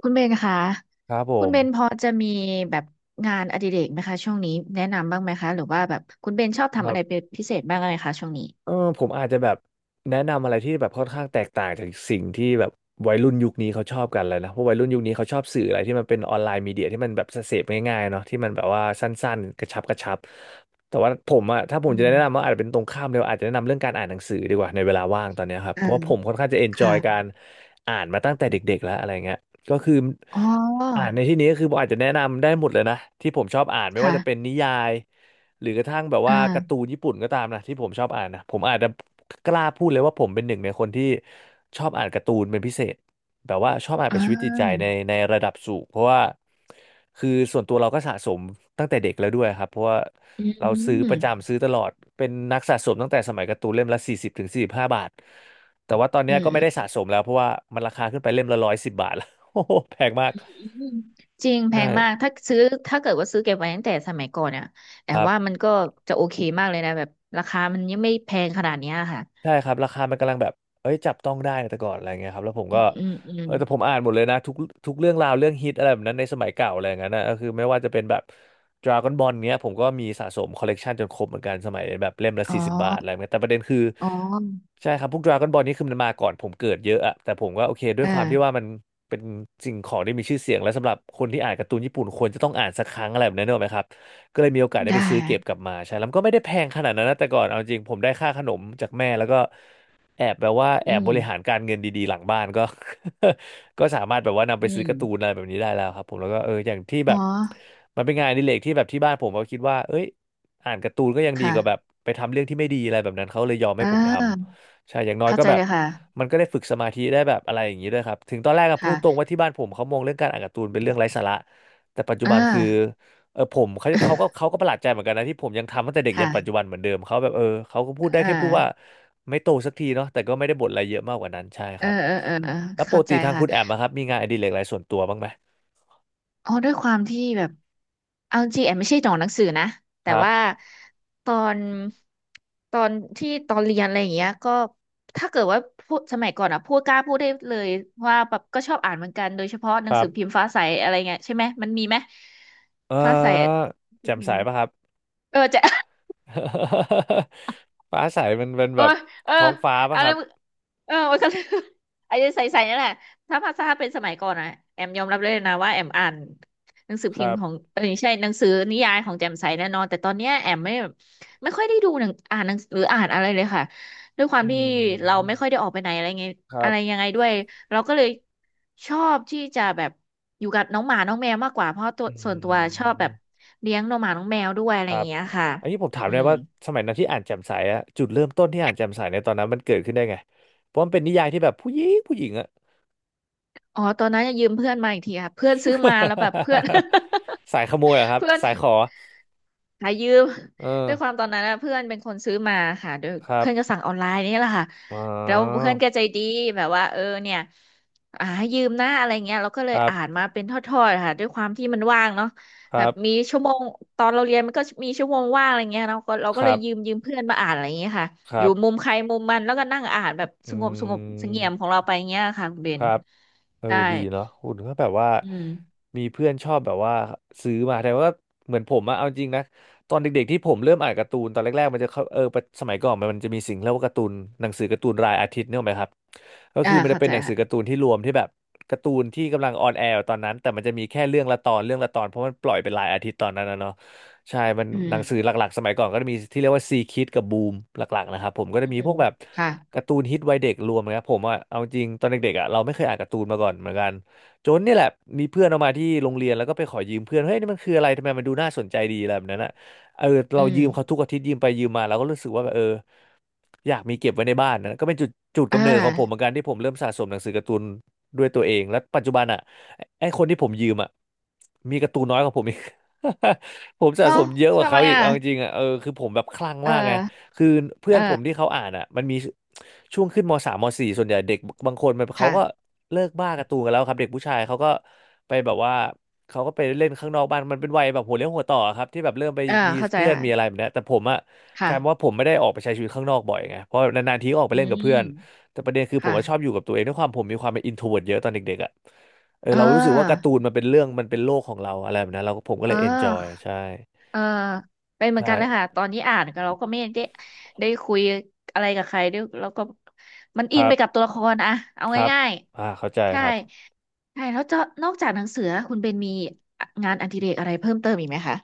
คุณเบนคะครับผคุณมเบนพอจะมีแบบงานอดิเรกไหมคะช่วงนี้แนะนำบ้างไหมคะหรือว่าแบบคุณเบนชอบคทำรัอะไรบเป็นพิเศษบ้างไหมคะช่วงนี้เออผมอาจจะแบบแนะนำอะไรที่แบบค่อนข้างแตกต่างจากสิ่งที่แบบวัยรุ่นยุคนี้เขาชอบกันเลยนะเพราะวัยรุ่นยุคนี้เขาชอบสื่ออะไรที่มันเป็นออนไลน์มีเดียที่มันแบบเสพง่ายๆเนาะที่มันแบบว่าสั้นๆกระชับกระชับแต่ว่าผมอะถ้าผมอืจะมแนะนำว่าอาจจะเป็นตรงข้ามเลยอาจจะแนะนำเรื่องการอ่านหนังสือดีกว่าในเวลาว่างตอนเนี้ยครับเพอ่าราะว่าผมค่อนข้างจะเอนจอค่ะยการอ่านมาตั้งแต่เด็กๆแล้วอะไรเงี้ยก็คืออ๋อ่านอในที่นี้ก็คือผมอาจจะแนะนำได้หมดเลยนะที่ผมชอบอ่านไม่ว่าจะเป็นค่ะนิยาย หรือกระทั่งแบบว่าการ์ตูอ่านญี่ปุ่นก็ตามนะที่ผมชอบอ่านนะผมอาจจะกล้าพูดเลยว่าผมเป็นหนึ่งในคนที่ชอบอ่านการ์ตูนเป็นพิเศษแบบว่าชอบอ่านเป็นชีวิตจิตอ่าใจในระดับสูงเพราะว่าคือส่วนตัวเราก็สะสมตั้งแต่เด็กแล้วด้วยครับเพราะว่าอืเราซื้อมประจำซื้อตลอดเป็นนักสะสมตั้งแต่สมัยการ์ตูนเล่มละ40-45 บาทแต่ว่าตอนอืเนี้ยมก็ไม่อืได้สะมสมแล้วเพราะว่ามันราคาขึ้นไปเล่มละ110 บาทแล้ว โอ้โหแพงมากจริงแพใช่งมากถ้าซื้อถ้าเกิดว่าซื้อเก็บไว้ตั้งแต่สมัยก่อนเนี่ยแต่ครัว่าบ มันก็จะโอเคมากเลยนะแบบราคามันยังไม่แพงขนาดเนี้ยค่ะใช่ครับราคามันกำลังแบบเอ้ยจับต้องได้ในแต่ก่อนอะไรเงี้ยครับแล้วผมอืก็มอืมอืมแต่ผมอ่านหมดเลยนะทุกเรื่องราวเรื่องฮิตอะไรแบบนั้นในสมัยเก่าอะไรอย่างนั้นนะก็คือไม่ว่าจะเป็นแบบ Dragon Ball เนี้ยผมก็มีสะสมคอลเลกชันจนครบเหมือนกันสมัยแบบเล่มละอ๋อ40 บาทอะไรเงี้ยแต่ประเด็นคืออ๋อใช่ครับพวก Dragon Ball นี่คือมันมาก่อนผมเกิดเยอะอะแต่ผมก็โอเคด้วยอ่าความที่ว่ามันเป็นสิ่งของที่มีชื่อเสียงและสำหรับคนที่อ่านการ์ตูนญี่ปุ่นควรจะต้องอ่านสักครั้งอะไรแบบนั้นเนกอะไหมครับ ก็เลยมีโอกาสได้ได้ไปซื้อเก็บกลับมาใช่แล้วมันก็ไม่ได้แพงขนาดนั้นนะแต่ก่อนเอาจริงผมได้ค่าขนมจากแม่ แล้วก็แอบแบบว่าแออืบม บริหารการเงินดีๆ หลังบ้านก็ ก็สามารถแบบว่านำไปอืซื้อม การ์ตูนอะไรแบบนี้ได้แล้วครับผมแล้วก็เอออย่างที่แบอ๋อบมันเป็นงานอดิเรกที่แบบที่บ้านผมก็คิดว่าเอ้ยอ่านการ์ตูนก็ยังดีค่ะกว่าแบบไปทำเรื่องที่ไม่ดีอะไรแบบนั้น เขาเลยยอมให้อ่ผมทาำ ใช่ อย่างน้อยเข้าก็ใจแบบเลยค่ะมันก็ได้ฝึกสมาธิได้แบบอะไรอย่างนี้ด้วยครับถึงตอนแรกก็พูค่ะดตรงว่าที่บ้านผมเขามองเรื่องการอ่านการ์ตูนเป็นเรื่องไร้สาระแต่ปัจจุอ่าบันคือ เออผมเขาก็ประหลาดใจเหมือนกันนะที่ผมยังทำตั้งแต่เด็กยันปัจจุบันค่ะเหมือนเดิมเขาแบบเออเขาก็พูดได้อ่แค่พูดว่าาไม่โตสักทีเนาะแต่ก็ไม่ได้บ่นอะไรเยอะมากกว่านั้นใช่คเออรับเออเออเออแล้วปเข้ากใจติทางค่ะคุณแอมอะครับมีงานอดิเรกอะไรส่วนตัวบ้างไหมอ๋อด้วยความที่แบบเอาจริงแอมไม่ใช่หนองหนังสือนะคแต่รัว่าบตอนตอนที่ตอนเรียนอะไรอย่างเงี้ยก็ถ้าเกิดว่าพูดสมัยก่อนอะพูดกล้าพูดได้เลยว่าแบบก็ชอบอ่านเหมือนกันโดยเฉพาะหนัคงรัสือพิบมพ์ฟ้าใสอะไรเงี้ยใช่ไหมมันมีไหมเอฟ้าใสอแจ่มพิใสมพ์ป่ะครับ จะ ฟ้าใสมันเป็นเอแบอ บเออท้องฟ้าป่ะเอาคแล้รัวบมันก็ เไอ้ ใส่ๆนั่นแหละถ้าภาษาเป็นสมัยก่อนอะแอมยอมรับเลยนะว่าแอมอ่านหนังสือคพิมรัพ์ของบไม่ใช่หนังสือนิยายของแจ่มใสแน่นอนแต่ตอนเนี้ยแอมไม่ค่อยได้ดูหนังอ่านหนังหรืออ่านอะไรเลยค่ะด้วยควาอืมที่เราไม่ค่อยมได้ออกไปไหนอะไรไงครัอะไรบยังไงด้วยเราก็เลยชอบที่จะแบบอยู่กับน้องหมาน้องแมวมากกว่าเพราะตัวอืส่วนตัวชอบแบบม เลี้ยงน้องหมาน้องแมวด้วยอะคไรอรัย่างบเงี้ยค่ะอันนี้ผมถามอืเลยม ว่าสมัยนั้นที่อ่านแจ่มใสอะจุดเริ่มต้นที่อ่านแจ่มใสในตอนนั้นมันเกิดขึ้นได้ไงเพราะมันเป็นนิยายที่แบบผู้หญิงผู้หญิงอะ อ๋อตอนนั้นจะยืมเพื่อนมาอีกทีค่ะเพื่อนซื้อมาแล้วแบบเพื่อน สายขโมยเหรอค รับเพื่อนสายขอหายืมเออด้วยความตอนนั้นนะเพื่อนเป็นคนซื้อมาค่ะโดยครับเพื่อนก็สั่งออนไลน์นี่แหละค่ะอ๋แล้วเพื่ออนก็ใจดีแบบว่าเออเนี่ยอ่าให้ยืมนะอะไรเงี้ยเราก็เลคยรัอ่านบมาเป็นทอดๆค่ะด้วยความที่มันว่างเนาะคแบรับมีบชั่วโมงตอนเราเรียนมันก็มีชั่วโมงว่างอะไรเงี้ยเราก็เราคก็เลรัยบยืมเพื่อนมาอ่านอะไรเงี้ยค่ะคอรัยู่มุบมใครมุมมันแล้วก็นั่งอ่านแบบอืสงบสงบเสงี่ยมขมองเราไปเงี้ยค่ะคุณเบคน รับ เออใช่ดีเนาะหุ่นก็แบบว่าอืมมีเพื่อนชอบแบบว่าซื้อมาแต่ว่าเหมือนผมอะเอาจริงนะตอนเด็กๆที่ผมเริ่มอ่านการ์ตูนตอนแรกๆมันจะเข้าเออปะสมัยก่อนมันจะมีสิ่งเรียกว่าการ์ตูนหนังสือการ์ตูนรายอาทิตย์เนี่ยหรอกไหมครับก็อ่าคือมันจะเข้าเป็ใจนหนังสือค่ะการ์ตูนที่รวมที่แบบการ์ตูนที่กำลังออนแอร์อยู่ตอนนั้นแต่มันจะมีแค่เรื่องละตอนเรื่องละตอนเพราะมันปล่อยเป็นรายอาทิตย์ตอนนั้นนะเนาะใช่มันอืหนังสือมหลักๆสมัยก่อนก็จะมีที่เรียกว่าซีคิดกับบูมหลักๆนะครับผมก็จะอืมีพวมกแบบ ค่ะการ์ตูนฮิตวัยเด็กรวมนะครับผมอะเอาจริงตอนเด็กๆอะเราไม่เคยอ่านการ์ตูนมาก่อนเหมือนกันจนเนี่ยแหละมีเพื่อนเอามาที่โรงเรียนแล้วก็ไปขอยืมเพื่อนเฮ้ยนี่มันคืออะไรทำไมมันดูน่าสนใจดีอะไรแบบนั้นอะเอออืเรามยืมเขาทุกอาทิตย์ยืมไปยืมมาเราก็รู้สึกว่าแบบเออ อยากมีเก็บไว้ในบ้านนะก็เป็นจุดจุดกำอ่าเนิดของผมเหมือนกันที่ผมเริ่มสะสมหนังสือการ์ตูนด้วยตัวเองและปัจจุบันอ่ะไอ้คนที่ผมยืมอ่ะมีการ์ตูนน้อยกว่าผมอีก ผมสะเอ้าสมเยอะกว่าทำไมเขาอีกอ่ะเอาจริงๆอ่ะเออคือผมแบบคลั่งเอมากไงอคือเพื่อนผมที่เออเขาอ่านอ่ะมันมีช่วงขึ้นมสามมสี่ส่วนใหญ่เด็กบางคนมันเขาก็ค่ะเลิกบ้าการ์ตูนกันแล้วครับเด็กผู้ชายเขาก็ไปแบบว่าเขาก็ไปเล่นข้างนอกบ้านมันเป็นวัยแบบหัวเลี้ยวหัวต่อครับที่แบบเริ่มไปเออมีเข้าใจเพื่อนมีอะไรค่ะแบบเนี้ยแต่ผมอ่ะ กค่ะลายเป็นว่าผมไม่ได้ออกไปใช้ชีวิตข้างนอกบ่อยไงเพราะนานๆทีก็ออกไปอืเล่นกับเพื่อมนแต่ประเด็นคือผมค่ะ ก็ชอบอยู่กับตัวเองด้วยความผมมีความเป็นอินโทรเวิร์เยอะตอนเด็กๆอ่ะเออเเรารู้สึกว่าการ์ออตูนมันเป็นเรื่องมันเป็นโลกของเราอะไรแบบนั้นเราก็ผมก็เอเลยเอนจออยใช่เออเป็นเหมือใช่นกันเลยค่ะ ตอนนี้อ่านก็เราก็ไม่ได้ได้คุยอะไรกับใครด้วยเราก็มันคอินรัไปบกับตัวละครอะเอาครับง่ายอ่าเข้าใจๆใช่ ครับใช่แล้วจะนอกจากหนังสือคุณเป็นมีงานอดิเรกอะไรเพิ่มเติมอีกไหมคะ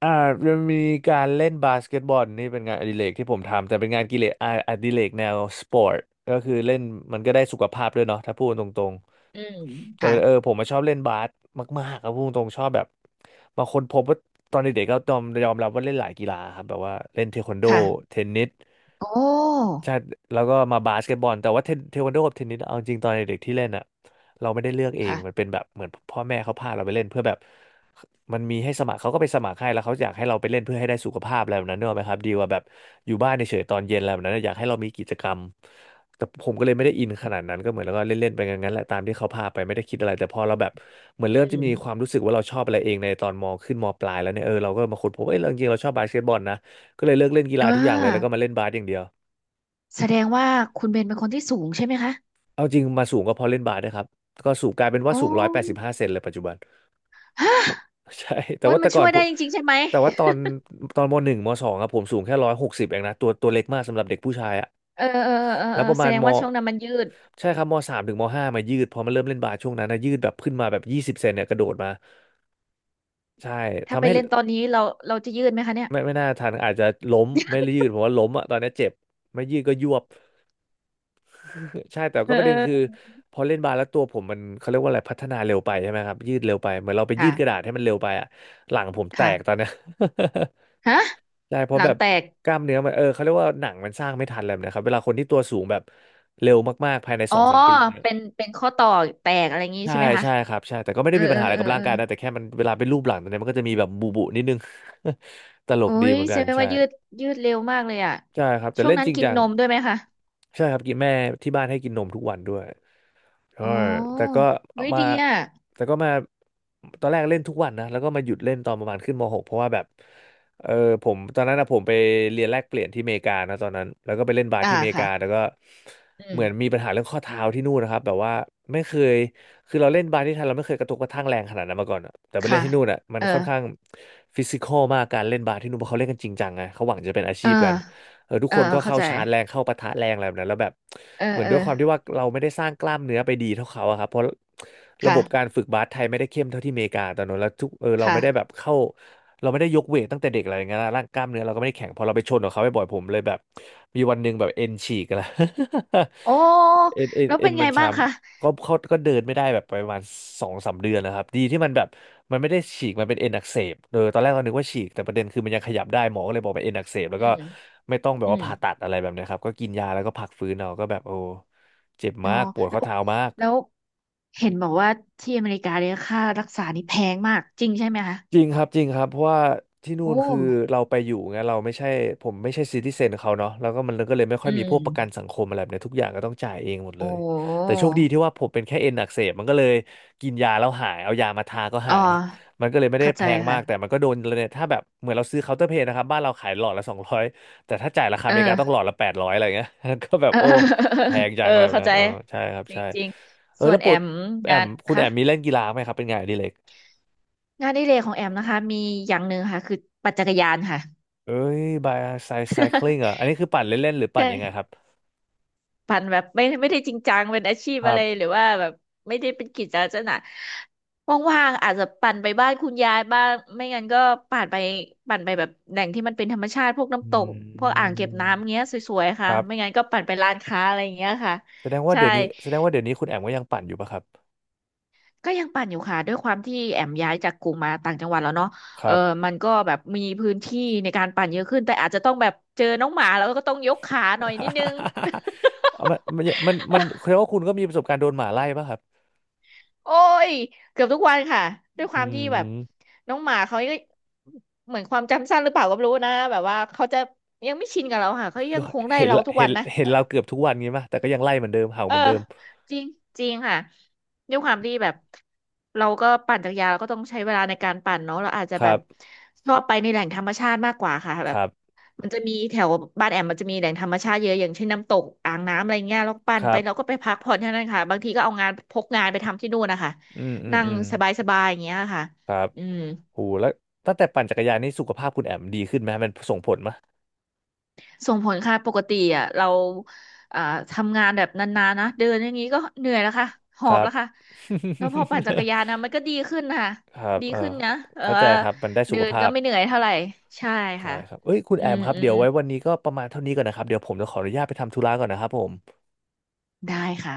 อ่าจะมีการเล่นบาสเกตบอลนี่เป็นงานอดิเรกที่ผมทำแต่เป็นงานกิเลสอาอดิเรกแนวสปอร์ตก็คือเล่นมันก็ได้สุขภาพด้วยเนาะถ้าพูดตรง อืมแต่ค่ะเออผมมาชอบเล่นบาสมากๆครับพูดตรงๆชอบแบบบางคนพบว่าตอนเด็กๆก็ยอมรับว่าเล่นหลายกีฬาครับแบบว่าเล่นเทควันโดค่ะเทนนิส โอ้ใช่แล้วก็มาบาสเกตบอลแต่ว่าเทควันโดกับเทนนิสเอาจริงตอนเด็กๆที่เล่นอ่ะเราไม่ได้เลือกเองมันเป็ค่ะนแบบเหมือนพ่อแม่เขาพาเราไปเล่นเพื่อแบบมันมีให้สมัครเขาก็ไปสมัครให้แล้วเขาอยากให้เราไปเล่นเพื่อให้ได้สุขภาพอะไรแบบนั้นเนกอะไหมครับดีกว่าแบบอยู่บ้านเฉยๆตอนเย็นอะไรแบบนั้นอะอยากให้เรามีกิจกรรม แต่ผมก็เลยไม่ได้อินขนาดนั้นก็เหมือนแล้วก็เล่นๆไปงั้นๆแหละตามที่เขาพาไปไม่ได้คิดอะไรแต่พอเราแบบเหมือนอืเริ่มจะมีความมรู้สึกว่าเราชอบอะไรเองในตอนมขึ้นมปลายแล้วเนี่ยเออเราก็มาค้นพบเออจริงๆเราชอบบาสเกตบอลนะก็เลยเลิกเล่นกีฬาอ่ทุกอย่างเลยแล้วก็ามาเล่นบาสอย่างเดียว แสดงว่าคุณเบนเป็นคนที่สูงใช่ไหมคะเอาจริงมาสูงก็เพอเล่นบาสนะครับก็สูงกลายเป็นว่าโอ้สูง185 เซนเลยปัจจุบัน ฮะ ใช่แต่โอ้ยว่ามัแต่นก่อช่นวยผได้มจริงๆใช่ไหมแต่ว่าตอนมหนึ่งมสองอะผมสูงแค่160เองนะตัวเล็กมากสำหรับเด็กผู้ชายอะเออเออเออแล้เอวอประแสมาณดงมว่าช่วงนั้นมันยืดใช่ครับมสามถึงมห้ามายืดพอมาเริ่มเล่นบาสช่วงนั้นนะยืดแบบขึ้นมาแบบ20 เซนเนี่ยกระโดดมาใช่ถ้าทำไปให้เล่นตอนนี้เราเราจะยืดไหมคะเนี่ยไม่น่าทันอาจจะล้มไม่ยืดผมว่าล้มอะตอนนี้เจ็บไม่ยืดก็ยวบ ใช่แต่เอก็อประเอเด็นคืออพอเล่นบาสแล้วตัวผมมันเขาเรียกว่าอะไรพัฒนาเร็วไปใช่ไหมครับยืดเร็วไปเหมือนเราไปยืดกระดาษค่ะให้มันเร็วไปอะหลังผมแตกตอนค่ะเนี้ย ฮะ ใช่เพหราะลัแบงบแตกกล้ามเนื้อมันเออเขาเรียกว่าหนังมันสร้างไม่ทันอะไรแบบเลยนะครับเวลาคนที่ตัวสูงแบบเร็วมากๆภายในอ๋สอองสามปีเนี่ยเป็นเป็นข้อต่อแตกอะไรอย่างงี้ใช่ใช่ไหมคะใช่ครับใช่แต่ก็ไม่เอได้อมีเอปัญอหาอะไรเออกับร่าเองอกายนะแต่แค่มันเวลาเป็นรูปหลังตอนเนี้ยมันก็จะมีแบบบุบุนิดนึง ตลโอ้กดียเหมือนแสกันดงใช่ว่ายืดยืดเร็วมากเลยอ่ะใช่ครับแต่ช่วงเล่นนั้จนริงกินจังนมด้วยไหมคะใช่ครับกินแม่ที่บ้านให้กินนมทุกวันด้วย ใช่อ๋อแต่ก็เฮ้ยมาดีอ่ะ แต่ก็มาตอนแรกเล่นทุกวันนะแล้วก็มาหยุดเล่นตอนประมาณขึ้นม .6 เพราะว่าแบบเออผมตอนนั้นนะผมไปเรียนแลกเปลี่ยนที่อเมริกานะตอนนั้นแล้วก็ไปเล่นบาสอ่าที่อเมริค่ะกาแล้วก็อืเหมืมอนมีปัญหาเรื่องข้อเท้าที่นู่นนะครับแบบว่าไม่เคยคือเราเล่นบาสที่ไทยเราไม่เคยกระทบกระทั่งแรงขนาดนั้นมาก่อนอะแต่ไปเล่ค่ะ นที่นู่นอ่ะมันเออค่อนข้างฟิสิคอลมากการเล่นบาสที่นู่นเพราะเขาเล่นกันจริงจังไงเขาหวังจะเป็นอาเอชีอพกัน เออทุกเออคนก็เข้าเข้าใจชาร์จแรงเข้าปะทะแรงอะไรแบบนั้นแล้วแบบเออเหมือนเออด้วยความที่ว่าเราไม่ได้สร้างกล้ามเนื้อไปดีเท่าเขาอะครับเพราะระบค่ะบการฝึกบาสไทยไม่ได้เข้มเท่าที่อเมริกาตอนนั้นแล้วทุกเราค่ะไม่ได้แบบเข้าเราไม่ได้ยกเวทตั้งแต่เด็กอะไรอย่างเงี้ยนะร่างกล้ามเนื้อเราก็ไม่ได้แข็งพอเราไปชนกับเขาบ่อยๆผมเลยแบบมีวันหนึ่งแบบเอ็นฉีกแล้ว โอ้ เอ็นเอ็นแล้วเอ็เป็นนไงมันบ้าช้งคะำ ก็เขาก็เดินไม่ได้แบบประมาณสองสามเดือนนะครับดีที่มันแบบมันไม่ได้ฉีกมันเป็นเอ็นอักเสบเออตอนแรกเรานึกว่าฉีกแต่ประเด็นคือมันยังขยับได้หมอก็เลยบอกเป็นเอ็นอักเสบแล้วอืก็มไม่ต้องแบบอืว่ามผ่าตัดอะไรแบบเนี้ยครับก็กินยาแล้วก็พักฟื้นเอาก็แบบโอ้เจ็บโอ้มากปวดแล้ข้อวเท้ามาก แล้วเห็นบอกว่าที่อเมริกาเนี่ยค่ารักษานี่แพงมากจริงใช่ไหมคะจริงครับจริงครับเพราะว่าที่นู่โอ้นคือเราไปอยู่ไงเราไม่ใช่ผมไม่ใช่ซิติเซนเขาเนาะแล้วก็มันก็เลยไม่ค่อือยมีพมวกประกันสังคมอะไรแบบเนี้ยทุกอย่างก็ต้องจ่ายเองหมดเลโอ้ยแต่โชคดีที่ว่าผมเป็นแค่เอ็นอักเสบมันก็เลยกินยาแล้วหายเอายามาทาก็อ๋อหายมันก็เลยไม่ได้เข้าแพใจงมาค่ะกแต่มันก็โดนเลยถ้าแบบเหมือนเราซื้อเคาน์เตอร์เพลนะครับบ้านเราขายหลอดละสองร้อยแต่ถ้าจ่ายราคาอเอเมริกาต้องหลออ ดละแปดร้อยอะไรเงี้ย ก็แบบ โอ้เออแพงจัเองออะไรแบบเข้านั้ใจนอ๋อใช่ครับจใช่ริงเอๆอส่วแล้นวปแอวดมแองามนคุณแอค่ะ มมีเล่นกีฬาไหมครับเป็นไงานอดิเรก งานอดิเรกของแอมนะคะมีอย่างหนึ่งค่ะคือปั่นจักรยานค่ะ เอ้ยบายไซคลิงอ่ะออัน นี้คือปั่นเล่นๆหรือปั่นยังไงคใช่ รับ ปั่นแบบไม่ได้จริงจังเป็นอาชีพครัอะไรหบรือว่าแบบไม่ได้เป็นกิจลักษณะว่างๆอาจจะปั่นไปบ้านคุณยายบ้างไม่งั้นก็ปั่นไปปั่นไปแบบแหล่งที่มันเป็นธรรมชาติพวกอน้ำตกพืวกอ่างเก็บน้ำมเงี้ยสวยๆคค่ะรัไม่งั้บนก็ปั่นไปร้านค้าอะไรอย่างเงี้ยค่ะแสดงว่าใช่ เดี๋ยวนี้แสดงว่าเดี๋ยวนี้คุณแอมก็ยังปั่นอยู่ปะครับก็ยังปั่นอยู่ค่ะด้วยความที่แอมย้ายจากกรุงมาต่างจังหวัดแล้วเนาะคเออรับ มันก็แบบมีพื้นที่ในการปั่นเยอะขึ้นแต่อาจจะต้องแบบเจอน้องหมาแล้วก็ต้องยกขาหน่อยนิดนึง เอามันแสดงว่าคุณก็มีประสบการณ์โดนหมาไล่ปะครับ โอ้ยเกือบทุกวันค่ะด้วยคอืวามที่แบบมน้องหมาเขาก็เหมือนความจำสั้นหรือเปล่าก็ไม่รู้นะแบบว่าเขาจะยังไม่ชินกับเราค่ะเขายัก็งคงได้เห็นเราละทุกเห็วันนนะ เห็นเราเกือบทุกวันงี้ป่ะแต่ก็ยังไล่เหมือนเดิมเห่าเอเหอมือนเดิมจริงจริงค่ะด้วยความที่แบบเราก็ปั่นจักรยานเราก็ต้องใช้เวลาในการปั่นเนาะเราอาจจะคแบรับบชอบไปในแหล่งธรรมชาติมากกว่าค่ะแบคบรับมันจะมีแถวบ้านแอมมันจะมีแหล่งธรรมชาติเยอะอย่างเช่นน้ำตกอ่างน้ำอะไรเงี้ยเราปั่คนไปรัเราบก็ไปพักผ่อนที่นั่นค่ะบางทีก็เอางานพกงานไปทำที่นู่นนะคะอืมอืมนั่งอืมสบายๆอย่างเงี้ยค่ะครับอืม โหแล้วตั้งแต่ปั่นจักรยานนี่สุขภาพคุณแอมดีขึ้นไหมมันส่งผลไหมส่งผลค่ะปกติอ่ะเราอ่าทำงานแบบนานๆนะเดินอย่างนี้ก็เหนื่อยแล้วค่ะหคอรับบ แล้วค่ะแล้วพอปั่นจักรยานนะมัน ก็ดีขึ้นค่ะครับดีเออขึ้นนะเออเข้าใจครับ มันได้สุเดิขนภาก็พไม่เหนื่อยเท่าไหร่ใช่ใช่ค่ะครับเอ้ย คุณอืแอมมครับ อืเดี๋มยวไว้วันนี้ก็ประมาณเท่านี้ก่อนนะครับ เดี๋ยวผมจะขออนุญาตไปทำธุระก่อนนะครับผมได้ค่ะ